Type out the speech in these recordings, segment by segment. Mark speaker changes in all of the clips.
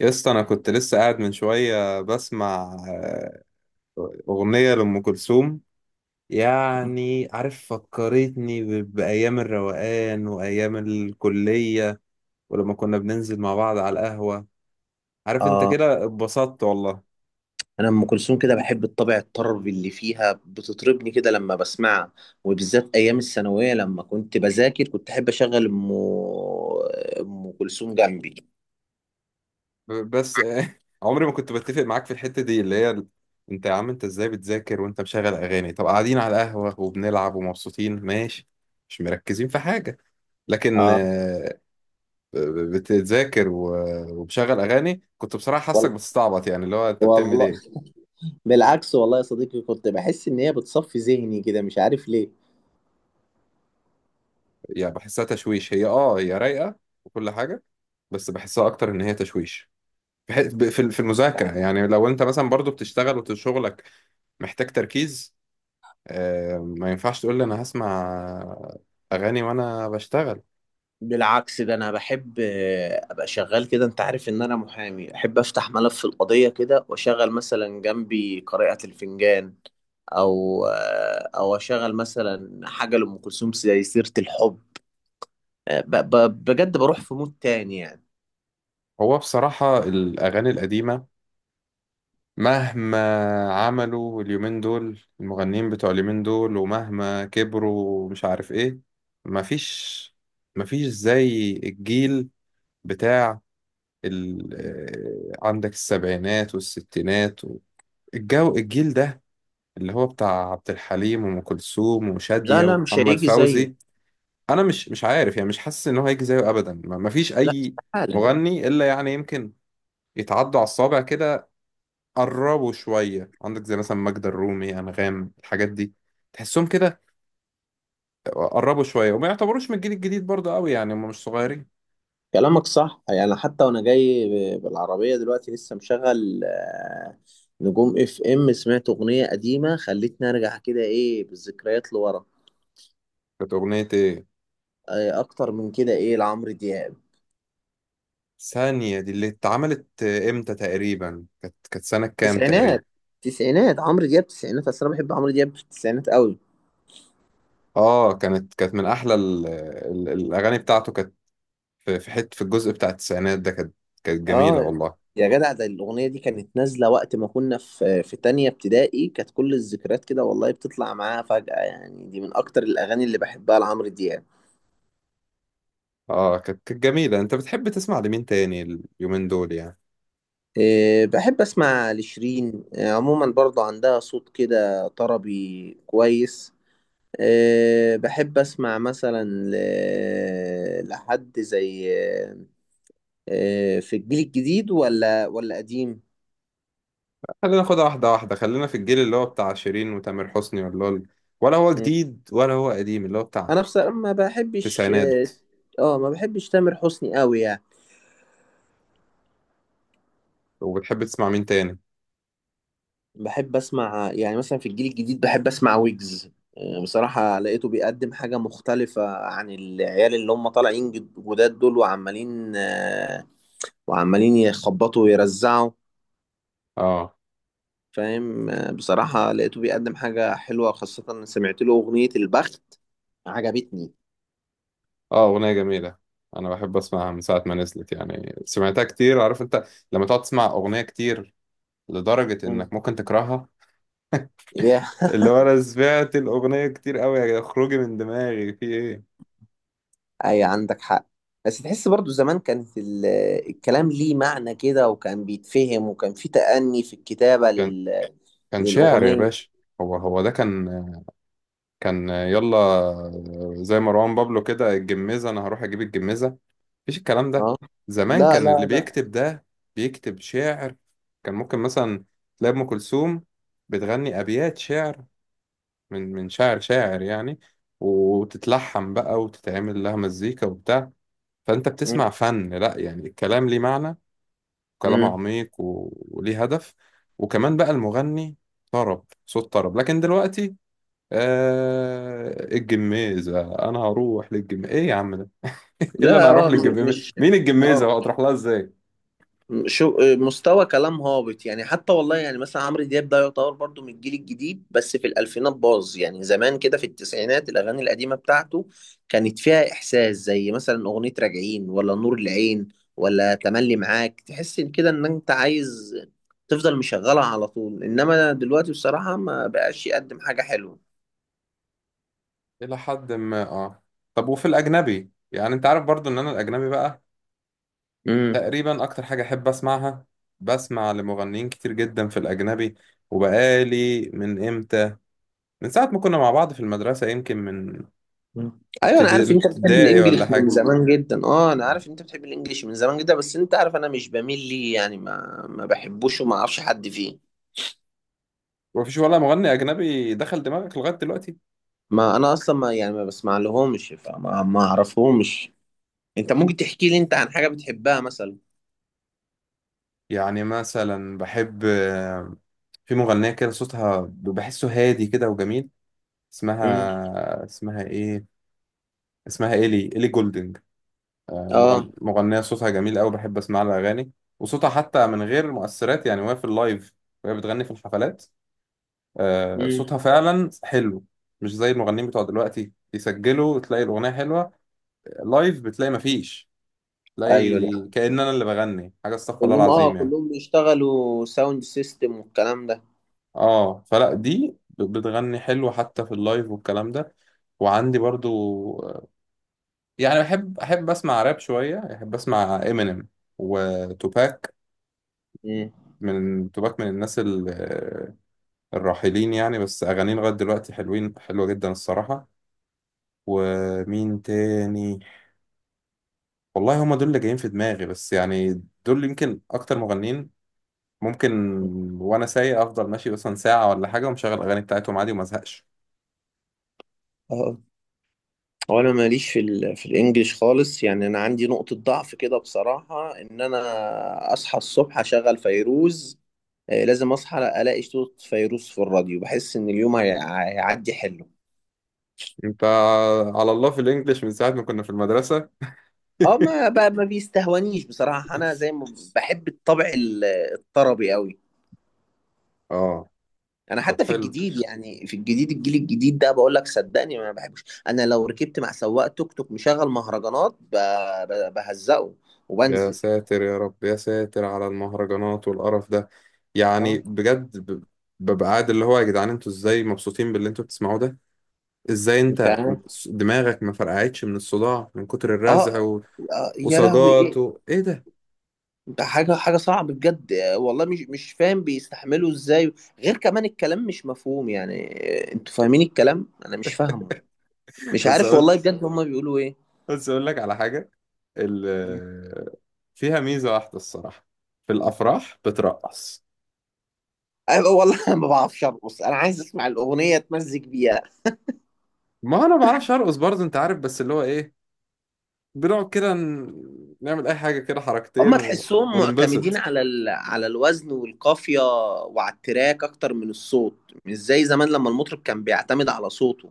Speaker 1: يا اسطى انا كنت لسه قاعد من شويه بسمع آه، اغنيه لام كلثوم. يعني عارف، فكرتني بايام الروقان وايام الكليه، ولما كنا بننزل مع بعض على القهوه. عارف انت
Speaker 2: آه،
Speaker 1: كده، اتبسطت والله.
Speaker 2: أنا أم كلثوم كده بحب الطابع الطربي اللي فيها بتطربني كده لما بسمعها. وبالذات أيام الثانوية لما كنت بذاكر كنت أحب أشغل أم كلثوم جنبي.
Speaker 1: بس عمري ما كنت بتفق معاك في الحته دي اللي هي انت يا عم، انت ازاي بتذاكر وانت مشغل اغاني؟ طب قاعدين على القهوه وبنلعب ومبسوطين ماشي، مش مركزين في حاجه. لكن
Speaker 2: آه،
Speaker 1: بتذاكر ومشغل اغاني، كنت بصراحه حاسك
Speaker 2: والله،
Speaker 1: بتستعبط، يعني اللي هو انت بتعمل
Speaker 2: والله،
Speaker 1: ايه؟
Speaker 2: بالعكس والله يا صديقي كنت بحس إن هي بتصفي ذهني كده، مش عارف ليه.
Speaker 1: يعني بحسها تشويش. هي اه هي رايقه وكل حاجه، بس بحسها اكتر ان هي تشويش في في المذاكره. يعني لو انت مثلا برضو بتشتغل وشغلك محتاج تركيز، ما ينفعش تقول لي انا هسمع اغاني وانا بشتغل.
Speaker 2: بالعكس ده انا بحب ابقى شغال كده. انت عارف ان انا محامي، احب افتح ملف القضية كده واشغل مثلا جنبي قارئة الفنجان، او او اشغل مثلا حاجه لام كلثوم زي سيره الحب. بجد بروح في مود تاني يعني.
Speaker 1: هو بصراحه الاغاني القديمه، مهما عملوا اليومين دول المغنيين بتوع اليومين دول، ومهما كبروا مش عارف ايه، مفيش، مفيش زي الجيل بتاع ال... عندك السبعينات والستينات و... الجو الجيل ده، اللي هو بتاع عبد الحليم وأم كلثوم
Speaker 2: لا
Speaker 1: وشادية
Speaker 2: لا، مش
Speaker 1: ومحمد
Speaker 2: هيجي زيه.
Speaker 1: فوزي. أنا مش عارف يعني، مش حاسس إن هو هيجي زيه أبدا، مفيش
Speaker 2: لا
Speaker 1: أي
Speaker 2: استحاله.
Speaker 1: مغني، إلا يعني يمكن يتعدوا على الصابع كده. قربوا شوية، عندك زي مثلا ماجدة الرومي، أنغام، الحاجات دي تحسهم كده قربوا شوية، وما يعتبروش من الجيل الجديد برضه قوي يعني، هم مش صغيرين.
Speaker 2: كلامك صح يعني، حتى وانا جاي بالعربيه دلوقتي لسه مشغل نجوم اف ام، سمعت اغنيه قديمه خلتني ارجع كده، ايه، بالذكريات لورا.
Speaker 1: كانت أغنية إيه؟
Speaker 2: اكتر من كده، ايه، لعمرو دياب.
Speaker 1: ثانية دي اللي اتعملت إمتى تقريبا؟ كانت سنة كام تقريبا؟
Speaker 2: تسعينات تسعينات. عمرو دياب تسعينات، اصل انا بحب عمرو دياب في التسعينات قوي.
Speaker 1: آه كانت من أحلى ال... ال... الأغاني بتاعته. كانت في في حتة، في الجزء بتاع التسعينات ده، كانت كانت جميلة
Speaker 2: اه،
Speaker 1: والله.
Speaker 2: يا جدع، ده الاغنيه دي كانت نازله وقت ما كنا في تانية ابتدائي. كانت كل الذكريات كده والله بتطلع معاها فجأة يعني، دي من اكتر الاغاني اللي بحبها لعمرو دياب.
Speaker 1: آه كانت جميلة. أنت بتحب تسمع لمين تاني اليومين دول يعني؟
Speaker 2: إيه، بحب اسمع لشيرين. إيه، عموما برضو عندها صوت كده طربي كويس. إيه، بحب اسمع مثلا لحد زي، إيه، في الجيل الجديد ولا قديم.
Speaker 1: خلينا ناخدها واحدة واحدة، خلينا في الجيل اللي هو بتاع شيرين وتامر حسني، ولا ولا هو
Speaker 2: مم.
Speaker 1: جديد ولا هو قديم، اللي هو بتاع
Speaker 2: انا بصراحة
Speaker 1: التسعينات؟
Speaker 2: ما بحبش تامر حسني قوي يعني.
Speaker 1: وبتحب تسمع مين تاني؟
Speaker 2: بحب اسمع يعني مثلا في الجيل الجديد بحب اسمع ويجز. بصراحة لقيته بيقدم حاجة مختلفة عن العيال اللي هم طالعين جداد دول، وعمالين يخبطوا ويرزعوا.
Speaker 1: اه.
Speaker 2: فاهم. بصراحة لقيته بيقدم حاجة حلوة، خاصة إن سمعت له أغنية البخت، عجبتني.
Speaker 1: اه أغنية جميلة، أنا بحب أسمعها من ساعة ما نزلت، يعني سمعتها كتير. عارف أنت لما تقعد تسمع أغنية كتير لدرجة
Speaker 2: مم.
Speaker 1: إنك ممكن تكرهها؟
Speaker 2: يا
Speaker 1: اللي هو أنا سمعت الأغنية كتير أوي، يا جدع، اخرجي من دماغي، في إيه؟
Speaker 2: أي، عندك حق. بس تحس برضو زمان كانت الكلام ليه معنى كده، وكان بيتفهم، وكان في تأني في الكتابة
Speaker 1: كان كان شاعر يا
Speaker 2: للأغنية.
Speaker 1: باشا. هو ده كان كان يلا زي مروان بابلو كده، الجميزة، أنا هروح أجيب الجميزة، مفيش الكلام ده.
Speaker 2: اه،
Speaker 1: زمان
Speaker 2: لا
Speaker 1: كان اللي
Speaker 2: لا لا.
Speaker 1: بيكتب ده بيكتب شعر، كان ممكن مثلا تلاقي أم كلثوم بتغني أبيات شعر من شاعر، شاعر يعني، وتتلحن بقى وتتعمل لها مزيكا وبتاع، فأنت
Speaker 2: مم.
Speaker 1: بتسمع فن. لأ يعني الكلام ليه معنى، وكلام
Speaker 2: مم.
Speaker 1: عميق وليه هدف. وكمان بقى المغني طرب، صوت طرب. لكن دلوقتي آه الجميزة، أنا هروح للجميزة، إيه يا عم ده؟ إيه اللي أنا
Speaker 2: لا،
Speaker 1: هروح للجميزة؟
Speaker 2: مش
Speaker 1: مين الجميزة
Speaker 2: اه
Speaker 1: بقى تروح لها إزاي؟
Speaker 2: شو، مستوى كلام هابط يعني. حتى والله، يعني مثلا عمرو دياب ده يعتبر برضو من الجيل الجديد، بس في الألفينات باظ يعني. زمان كده في التسعينات، الأغاني القديمة بتاعته كانت فيها إحساس، زي مثلا أغنية راجعين ولا نور العين ولا تملي معاك، تحس إن كده إن أنت عايز تفضل مشغلها على طول. إنما دلوقتي بصراحة ما بقاش يقدم حاجة حلوة.
Speaker 1: إلى حد ما اه. طب وفي الأجنبي؟ يعني أنت عارف برضو إن أنا الأجنبي بقى
Speaker 2: مم.
Speaker 1: تقريبا أكتر حاجة أحب أسمعها، بسمع لمغنيين كتير جدا في الأجنبي، وبقالي من إمتى، من ساعة ما كنا مع بعض في المدرسة، يمكن من
Speaker 2: مم. ايوه، انا عارف انت بتحب
Speaker 1: ابتدائي ولا
Speaker 2: الانجليش من
Speaker 1: حاجة.
Speaker 2: زمان جدا. اه، انا عارف انت بتحب الانجليش من زمان جدا، بس انت عارف انا مش بميل ليه يعني، ما بحبوش وما اعرفش حد فيه.
Speaker 1: مفيش ولا مغني أجنبي دخل دماغك لغاية دلوقتي؟
Speaker 2: ما انا اصلا ما يعني ما بسمع لهمش، فما ما اعرفهمش. انت ممكن تحكي لي، انت، عن حاجه بتحبها مثلا؟
Speaker 1: يعني مثلا بحب، في مغنية كده صوتها بحسه هادي كده وجميل،
Speaker 2: امم.
Speaker 1: اسمها إيه، اسمها إيلي، إيلي جولدنج.
Speaker 2: اه.
Speaker 1: مغنية صوتها جميل قوي، بحب اسمع لها اغاني. وصوتها حتى من غير مؤثرات، يعني وهي في اللايف وهي بتغني في الحفلات،
Speaker 2: امم.
Speaker 1: صوتها فعلا حلو. مش زي المغنيين بتوع دلوقتي، يسجلوا تلاقي الاغنية حلوة، لايف بتلاقي مفيش، تلاقي
Speaker 2: ايوه دي،
Speaker 1: كأن انا اللي بغني حاجة، استغفر الله
Speaker 2: كلهم اه
Speaker 1: العظيم يعني.
Speaker 2: كلهم بيشتغلوا ساوند سيستم والكلام ده.
Speaker 1: اه فلا دي بتغني حلو حتى في اللايف والكلام ده. وعندي برضو يعني احب اسمع راب شوية، احب اسمع امينيم وتوباك. من توباك من الناس الراحلين يعني، بس أغانيه لغاية دلوقتي حلوين، حلوة جدا الصراحة. ومين تاني؟ والله هما دول اللي جايين في دماغي بس يعني، دول يمكن أكتر مغنيين ممكن، وأنا سايق أفضل ماشي مثلا ساعة ولا حاجة ومشغل الأغاني بتاعتهم عادي وما أزهقش.
Speaker 2: امم. هو انا ماليش في الانجليش خالص يعني. انا عندي نقطة ضعف كده بصراحة، ان انا اصحى الصبح اشغل فيروز. لازم اصحى الاقي صوت فيروز في الراديو، بحس ان اليوم هيعدي حلو.
Speaker 1: أنت على الله في الإنجليش من ساعة ما كنا في المدرسة.
Speaker 2: اه، ما بيستهونيش بصراحة. انا زي ما بحب الطبع الطربي قوي.
Speaker 1: آه.
Speaker 2: انا
Speaker 1: طب
Speaker 2: حتى في
Speaker 1: حلو.
Speaker 2: الجديد يعني، في الجديد الجيل الجديد ده، بقول لك صدقني ما بحبش. انا لو ركبت مع سواق توك توك مشغل مهرجانات، بهزقه
Speaker 1: يا
Speaker 2: وبنزل.
Speaker 1: ساتر يا رب، يا ساتر على المهرجانات والقرف ده، يعني
Speaker 2: اه،
Speaker 1: بجد ببقى قاعد اللي هو، يا جدعان انتوا ازاي مبسوطين باللي انتوا بتسمعوه ده؟ ازاي
Speaker 2: مش
Speaker 1: انت
Speaker 2: عارف.
Speaker 1: دماغك ما فرقعتش من الصداع من كتر الرزع
Speaker 2: اه،
Speaker 1: و...
Speaker 2: يا لهوي، ايه
Speaker 1: وسجاط و... ايه ده؟
Speaker 2: ده؟ حاجه، حاجه صعبه بجد. والله مش فاهم بيستحملوا ازاي. غير كمان الكلام مش مفهوم يعني. انتوا فاهمين الكلام، انا مش فاهمه. مش
Speaker 1: بس
Speaker 2: عارف
Speaker 1: اقول
Speaker 2: والله بجد هما بيقولوا ايه.
Speaker 1: بس اقول لك على حاجة، ال... فيها ميزة واحدة الصراحة، في الافراح بترقص.
Speaker 2: أيوة والله، انا ما بعرفش ارقص، انا عايز اسمع الاغنيه اتمزج بيها.
Speaker 1: ما انا ما بعرفش ارقص برضه انت عارف، بس اللي هو ايه، بنقعد كده نعمل اي حاجة كده،
Speaker 2: هما
Speaker 1: حركتين و...
Speaker 2: تحسهم معتمدين
Speaker 1: وننبسط.
Speaker 2: على الوزن والقافيه، وعلى التراك اكتر من الصوت، مش زي زمان لما المطرب كان بيعتمد على صوته.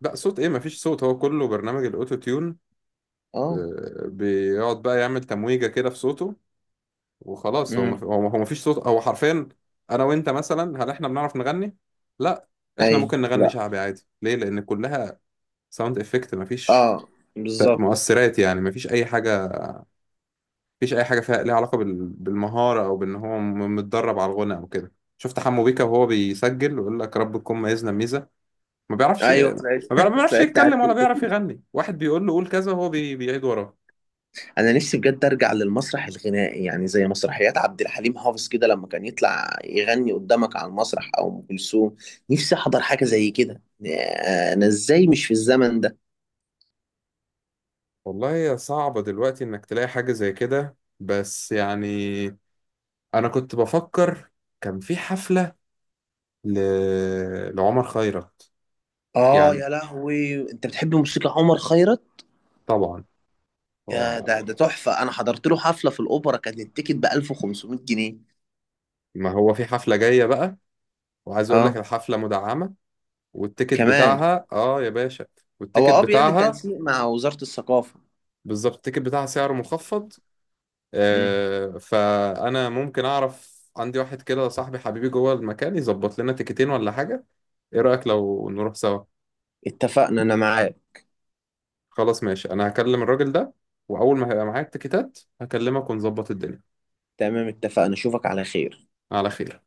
Speaker 1: لا صوت ايه؟ مفيش صوت، هو كله برنامج الاوتو تيون،
Speaker 2: اه.
Speaker 1: بيقعد بقى يعمل تمويجة كده في صوته وخلاص.
Speaker 2: امم.
Speaker 1: هو مفيش صوت، هو حرفيا، انا وانت مثلا هل احنا بنعرف نغني؟ لا، احنا
Speaker 2: ايوه،
Speaker 1: ممكن نغني
Speaker 2: لا.
Speaker 1: شعبي عادي. ليه؟ لان كلها ساوند افكت، مفيش
Speaker 2: اه، بالظبط.
Speaker 1: مؤثرات، يعني مفيش اي حاجة، مفيش اي حاجة فيها ليها علاقة بال... بالمهارة او بان هو متدرب على الغنى او كده. شفت حمو بيكا وهو بيسجل ويقول لك رب تكون ميزنا ميزة، ما بيعرفش،
Speaker 2: ايوه، طلعت
Speaker 1: ما بيعرفش
Speaker 2: طلعت على
Speaker 1: يتكلم ولا
Speaker 2: التيك.
Speaker 1: بيعرف يغني، واحد بيقول له قول كذا وهو بيعيد وراه.
Speaker 2: انا نفسي بجد ارجع للمسرح الغنائي، يعني زي مسرحيات عبد الحليم حافظ كده، لما كان يطلع يغني قدامك على المسرح، او ام كلثوم. نفسي احضر حاجه زي كده. انا ازاي مش في الزمن ده؟
Speaker 1: والله هي صعبة دلوقتي انك تلاقي حاجة زي كده، بس يعني انا كنت بفكر، كان في حفلة ل... لعمر خيرت.
Speaker 2: اه،
Speaker 1: يعني
Speaker 2: يا لهوي، انت بتحب موسيقى عمر خيرت؟
Speaker 1: طبعا
Speaker 2: يا، ده
Speaker 1: هو...
Speaker 2: ده تحفه، انا حضرت له حفله في الاوبرا، كان التيكت ب 1500 جنيه.
Speaker 1: ما هو في حفلة جاية بقى، وعايز اقول لك
Speaker 2: اه،
Speaker 1: الحفلة مدعمة، والتيكت
Speaker 2: كمان.
Speaker 1: بتاعها اه يا باشا،
Speaker 2: هو،
Speaker 1: والتيكت
Speaker 2: بيعمل
Speaker 1: بتاعها،
Speaker 2: تنسيق مع وزاره الثقافه.
Speaker 1: بالظبط، التيكت بتاعها سعره مخفض،
Speaker 2: مم.
Speaker 1: فانا ممكن اعرف عندي واحد كده صاحبي حبيبي جوه المكان يظبط لنا تيكتين ولا حاجه. ايه رايك لو نروح سوا؟
Speaker 2: اتفقنا، انا معاك.
Speaker 1: خلاص ماشي، انا هكلم الراجل ده، واول ما هيبقى معايا التيكتات هكلمك ونظبط الدنيا.
Speaker 2: تمام اتفقنا، اشوفك على خير.
Speaker 1: على خير.